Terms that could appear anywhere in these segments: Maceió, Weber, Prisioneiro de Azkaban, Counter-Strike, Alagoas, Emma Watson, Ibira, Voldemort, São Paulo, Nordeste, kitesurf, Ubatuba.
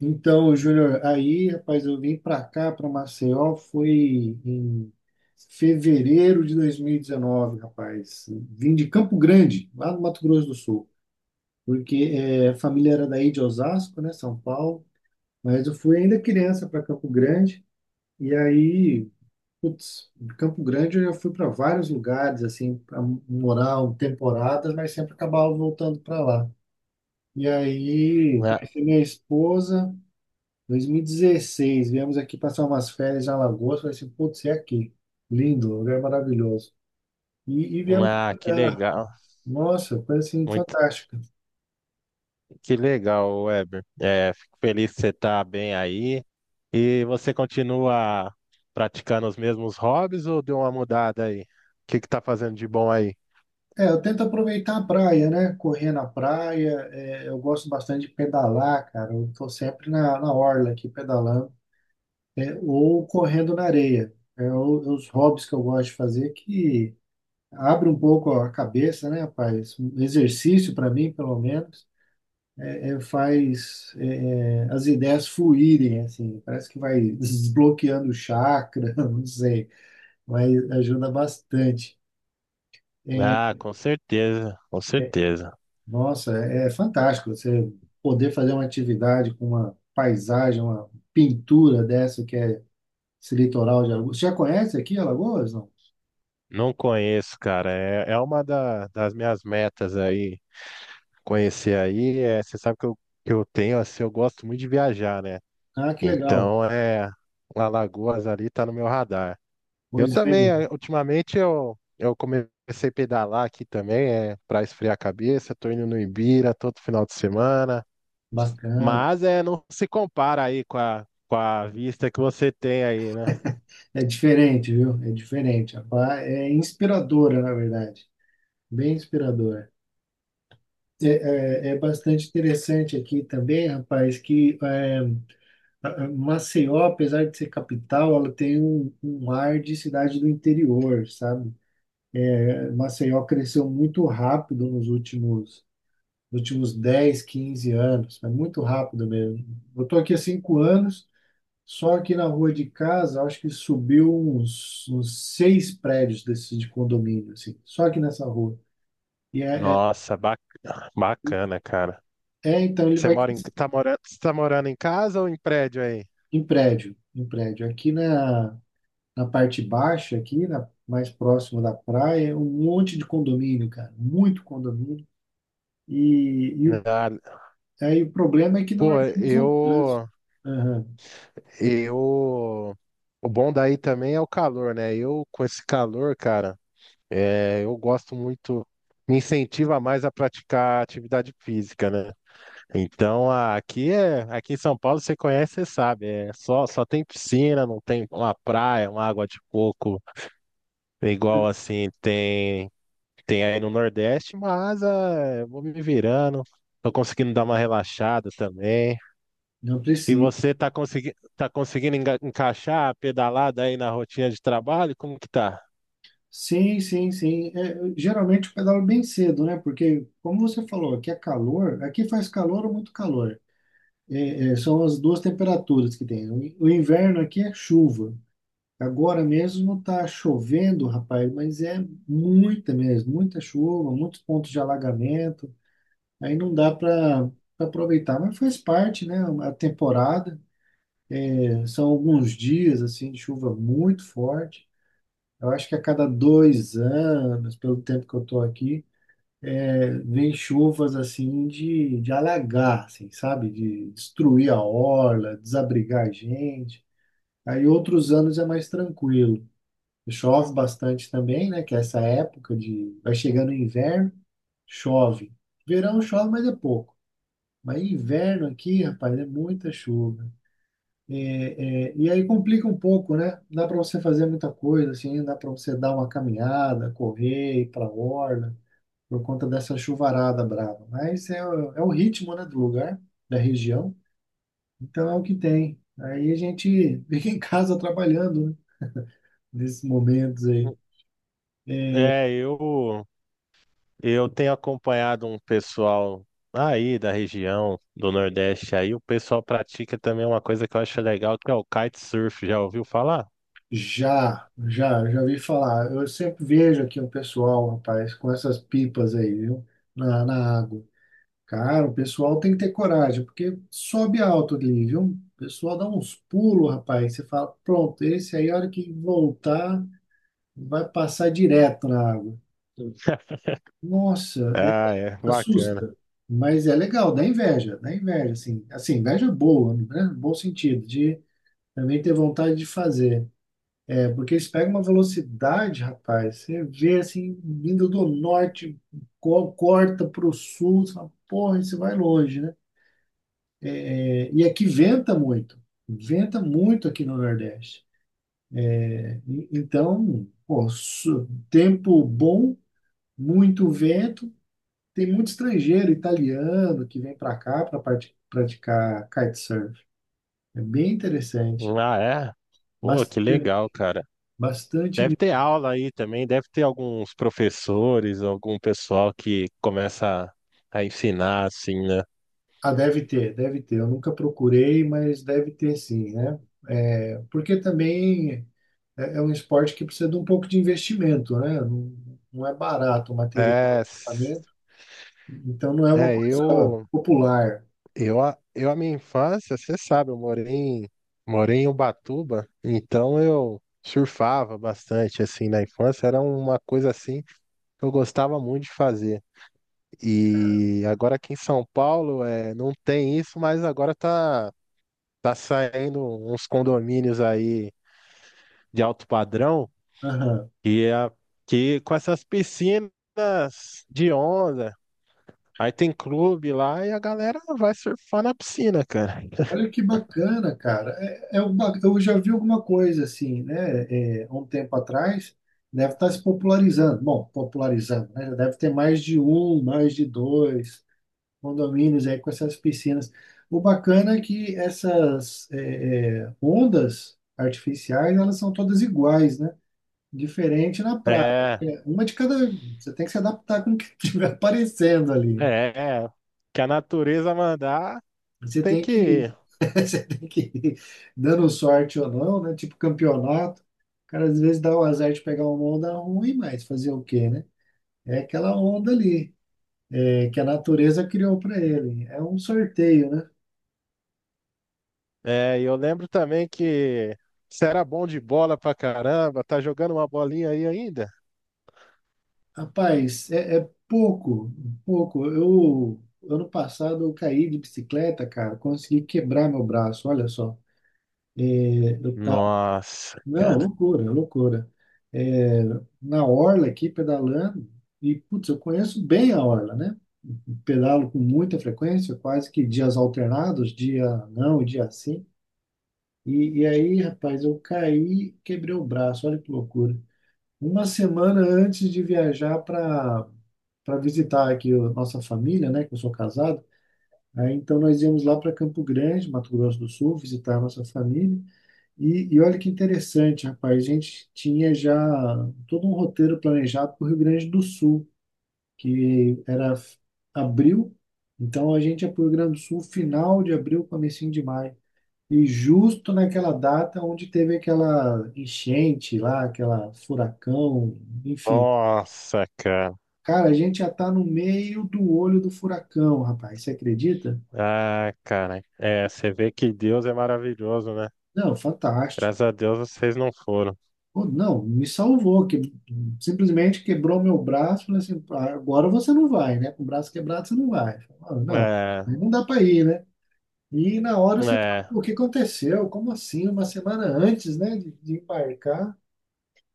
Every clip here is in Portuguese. Então, Júnior, aí, rapaz, eu vim para cá, para Maceió, foi em fevereiro de 2019, rapaz. Vim de Campo Grande, lá no Mato Grosso do Sul, porque a família era daí de Osasco, né, São Paulo, mas eu fui ainda criança para Campo Grande, e aí, putz, de Campo Grande eu já fui para vários lugares, assim, para morar um temporadas, mas sempre acabava voltando para lá. E aí, Ah, conheci minha esposa. 2016, viemos aqui passar umas férias em Alagoas, falei assim, putz, é aqui. Lindo, um lugar maravilhoso. E viemos pra que cá. legal. Nossa, coisa assim, Muito, fantástica. que legal, Weber. Fico feliz que você está bem aí. E você continua praticando os mesmos hobbies ou deu uma mudada aí? O que que tá fazendo de bom aí? É, eu tento aproveitar a praia, né? Correr na praia, eu gosto bastante de pedalar, cara. Eu tô sempre na orla aqui pedalando, ou correndo na areia. É os hobbies que eu gosto de fazer que abre um pouco a cabeça, né, rapaz? Um exercício para mim, pelo menos. Faz as ideias fluírem, assim, parece que vai desbloqueando o chakra, não sei, mas ajuda bastante. É, Ah, com certeza, com certeza. Nossa, é fantástico você poder fazer uma atividade com uma paisagem, uma pintura dessa que é esse litoral de Alagoas. Você já conhece aqui Alagoas, não? Não conheço, cara. É uma das minhas metas aí. Conhecer aí, é, você sabe que eu tenho, assim, eu gosto muito de viajar, né? Ah, que legal. Então, é, Alagoas ali tá no meu radar. Eu Pois também, bem, ultimamente eu comecei a pedalar aqui também, é para esfriar a cabeça, tô indo no Ibira todo final de semana, bacana. mas é não se compara aí com a vista que você tem aí, né? É diferente, viu? É diferente. Rapaz, é inspiradora, na verdade. Bem inspiradora. É, É bastante interessante aqui também, rapaz, a Maceió, apesar de ser capital, ela tem um ar de cidade do interior, sabe? É, Maceió cresceu muito rápido nos últimos 10, 15 anos, é muito rápido mesmo. Eu estou aqui há 5 anos, só aqui na rua de casa, acho que subiu uns, seis prédios desses de condomínio, assim, só aqui nessa rua. E Nossa, bacana, cara. Então ele Você vai. Tá você tá morando em casa ou em prédio aí? Em prédio, em prédio. Aqui na, na parte baixa, aqui na, mais próximo da praia, é um monte de condomínio, cara, muito condomínio. E, e o- Ah, Aí o problema é que não pô, organizam o trânsito. Aham, eu, o bom daí também é o calor, né? Eu com esse calor, cara. É, eu gosto muito, me incentiva mais a praticar atividade física, né? Então aqui é, aqui em São Paulo você conhece, você sabe, é só tem piscina, não tem uma praia, uma água de coco, igual assim tem aí no Nordeste, mas ah, vou me virando, tô conseguindo dar uma relaxada também. não E precisa. você tá conseguindo encaixar a pedalada aí na rotina de trabalho? Como que tá? Sim, sim, sim. É, geralmente eu pedalo bem cedo, né? Porque, como você falou, aqui é calor, aqui faz calor ou muito calor. São as duas temperaturas que tem. O inverno aqui é chuva. Agora mesmo está chovendo, rapaz, mas é muita mesmo, muita chuva, muitos pontos de alagamento. Aí não dá para aproveitar, mas faz parte, né? A temporada. São alguns dias assim de chuva muito forte. Eu acho que a cada 2 anos, pelo tempo que eu estou aqui, vem chuvas assim de alagar, assim, sabe? De destruir a orla, desabrigar a gente. Aí outros anos é mais tranquilo. Chove bastante também, né? Que é essa época de. Vai chegando o inverno, chove. Verão chove, mas é pouco. Mas inverno aqui, rapaz, é muita chuva. E aí complica um pouco, né? Dá para você fazer muita coisa, assim, dá para você dar uma caminhada, correr, ir para orla, por conta dessa chuvarada brava. Mas é o ritmo, né, do lugar, da região. Então é o que tem. Aí a gente fica em casa trabalhando, né? Nesses momentos aí. É. Eu tenho acompanhado um pessoal aí da região do Nordeste aí, o pessoal pratica também uma coisa que eu acho legal, que é o kitesurf, já ouviu falar? Já ouvi falar. Eu sempre vejo aqui um pessoal, rapaz, com essas pipas aí, viu? Na água. Cara, o pessoal tem que ter coragem, porque sobe alto ali, viu? O pessoal dá uns pulos, rapaz. Você fala, pronto, esse aí, a hora que voltar, vai passar direto na água. Nossa, Ah, é, bacana. assusta. Mas é legal, dá inveja, assim. Assim, inveja é boa, né? Bom sentido, de também ter vontade de fazer. É porque eles pegam uma velocidade, rapaz. Você vê assim, vindo do norte, corta para o sul, você fala, porra, isso vai longe, né? E aqui venta muito. Venta muito aqui no Nordeste. Né? Então, pô, tempo bom, muito vento. Tem muito estrangeiro, italiano, que vem para cá para praticar kitesurf. É bem interessante. Ah, é? Pô, que Bastante, legal, cara. bastante. Deve ter aula aí também, deve ter alguns professores, algum pessoal que começa a ensinar assim, né? Ah, deve ter, deve ter. Eu nunca procurei, mas deve ter sim, né? É, porque também é um esporte que precisa de um pouco de investimento, né? Não, não é barato o material, o É, s- equipamento, então não é uma é coisa popular. eu, a minha infância, você sabe, morei em Ubatuba, então eu surfava bastante, assim, na infância, era uma coisa, assim, que eu gostava muito de fazer. E agora aqui em São Paulo, é, não tem isso, mas agora tá saindo uns condomínios aí de alto padrão, Aham. É que com essas piscinas de onda, aí tem clube lá e a galera vai surfar na piscina, cara. Olha que bacana, cara. É, eu já vi alguma coisa assim, né? É, há um tempo atrás, deve estar se popularizando. Bom, popularizando, né? Deve ter mais de um, mais de dois condomínios aí com essas piscinas. O bacana é que essas ondas artificiais, elas são todas iguais, né? Diferente na praia. É, Uma de cada. Você tem que se adaptar com o que estiver aparecendo ali, né? é, é. Que a natureza mandar Você tem tem que que, ir. você tem que ir dando sorte ou não, né? Tipo campeonato. O cara às vezes dá o azar de pegar uma onda ruim, mas fazer o quê, né? É aquela onda ali, que a natureza criou para ele. É um sorteio, né? É, e eu lembro também que você era bom de bola pra caramba, tá jogando uma bolinha aí ainda? Rapaz, é pouco, pouco. Ano passado, eu caí de bicicleta, cara, consegui quebrar meu braço, olha só. Nossa, Não, cara. loucura, loucura. É, na orla aqui, pedalando, e, putz, eu conheço bem a orla, né? Pedalo com muita frequência, quase que dias alternados, dia não e dia sim. Aí, rapaz, eu caí, quebrei o braço, olha que loucura. Uma semana antes de viajar para para visitar aqui a nossa família, né, que eu sou casado. Aí, então nós íamos lá para Campo Grande, Mato Grosso do Sul, visitar a nossa família. Olha que interessante, rapaz, a gente tinha já todo um roteiro planejado para o Rio Grande do Sul, que era abril, então a gente ia para o Rio Grande do Sul final de abril, comecinho de maio. E justo naquela data onde teve aquela enchente lá, aquela furacão, enfim, Nossa, cara. cara, a gente já está no meio do olho do furacão, rapaz. Você acredita? Ah, cara. É, você vê que Deus é maravilhoso, né? Não, fantástico. Graças a Deus vocês não foram. Pô, não, me salvou, que simplesmente quebrou meu braço. Falei assim, "Ah, agora você não vai, né? Com o braço quebrado você não vai." Falei, não, É, não dá para ir, né? E na hora você fala, é, "Pô, o que aconteceu? Como assim? Uma semana antes, né, de embarcar,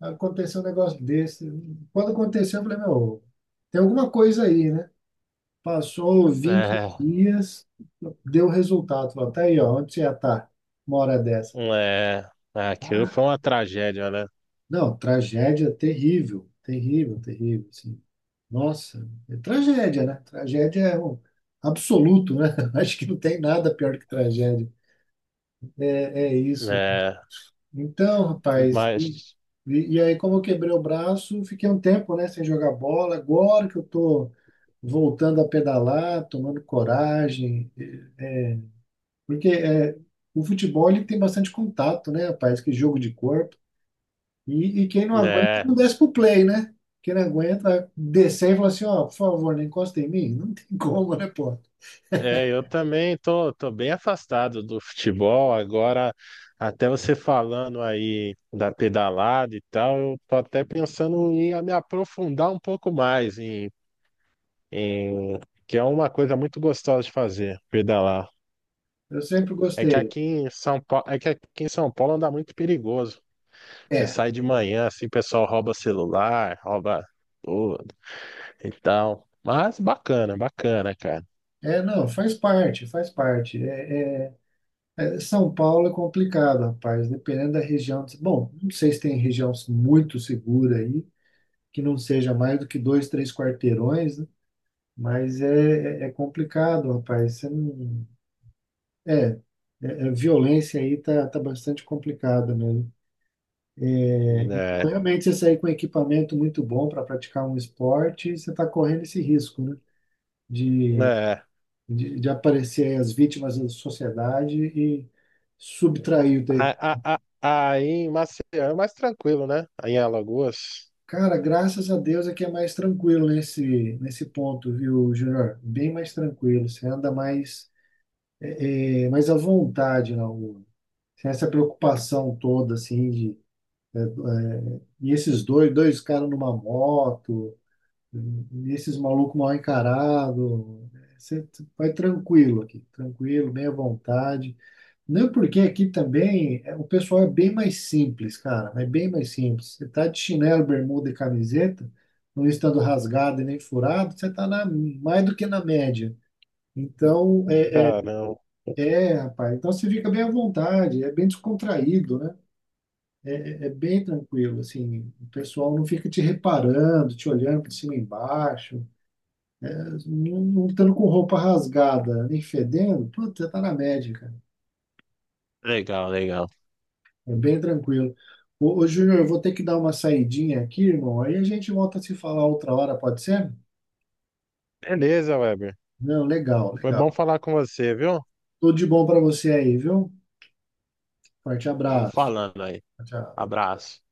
aconteceu um negócio desse." Quando aconteceu, eu falei, meu, tem alguma coisa aí, né? Passou vinte é, dias, deu resultado. Falou, tá aí, ó, onde você ia estar uma hora dessa? Ah, aquilo foi Ah, uma tragédia, né? não, tragédia terrível, terrível, terrível, assim. Nossa, é tragédia, né? Tragédia é um absoluto, né? Acho que não tem nada pior que tragédia. É é isso. É, Então, rapaz, mas, e aí como eu quebrei o braço, fiquei um tempo, né, sem jogar bola. Agora que eu tô voltando a pedalar, tomando coragem, porque é, o futebol ele tem bastante contato, né, rapaz? Que jogo de corpo. Quem não aguenta é, não desce pro play, né? Quem não aguenta vai descer e falar assim, ó, por favor, não encosta em mim. Não tem como, né, pô? Eu também tô bem afastado do futebol. Agora, até você falando aí da pedalada e tal, eu tô até pensando em me aprofundar um pouco mais em- que é uma coisa muito gostosa de fazer, pedalar. Eu sempre É que gostei. aqui em São Paulo, é que aqui em São Paulo anda muito perigoso. Você É, sai de manhã, assim, o pessoal rouba celular, rouba tudo e tal. Mas bacana, bacana, cara. Não, faz parte, faz parte. É, São Paulo é complicado, rapaz, dependendo da região. Bom, não sei se tem região muito segura aí, que não seja mais do que dois, três quarteirões, né? Mas é complicado, rapaz. Você não, É, a violência aí tá bastante complicada mesmo. É, Realmente, você sair com equipamento muito bom para praticar um esporte, você está correndo esse risco, né? De, é. de aparecer aí as vítimas da sociedade e subtrair o teu equi-. A- a- a- Aí em Maceió é mais tranquilo, né? Aí em Alagoas. Cara, graças a Deus é que é mais tranquilo nesse ponto, viu, Júnior? Bem mais tranquilo. Você anda mais, mais à vontade na rua. Sem essa preocupação toda, assim, de. E esses dois caras numa moto, e esses malucos mal encarados. Você vai tranquilo aqui, tranquilo, bem à vontade. Não é porque aqui também é, o pessoal é bem mais simples, cara, é bem mais simples. Você tá de chinelo, bermuda e camiseta, não estando rasgado e nem furado, você tá na, mais do que na média. Então, Caramba. Rapaz, então você fica bem à vontade, é bem descontraído, né? É bem tranquilo, assim, o pessoal não fica te reparando, te olhando por cima e embaixo, não, não estando com roupa rasgada, nem fedendo, puta, tá na média, cara. Legal, legal. É bem tranquilo. Ô Júnior, eu vou ter que dar uma saidinha aqui, irmão, aí a gente volta a se falar outra hora, pode ser? Beleza, Weber. Não, legal, Foi bom legal. falar com você, viu? Tudo de bom pra você aí, viu? Forte Vamos abraço. falando aí. Tchau. Abraço.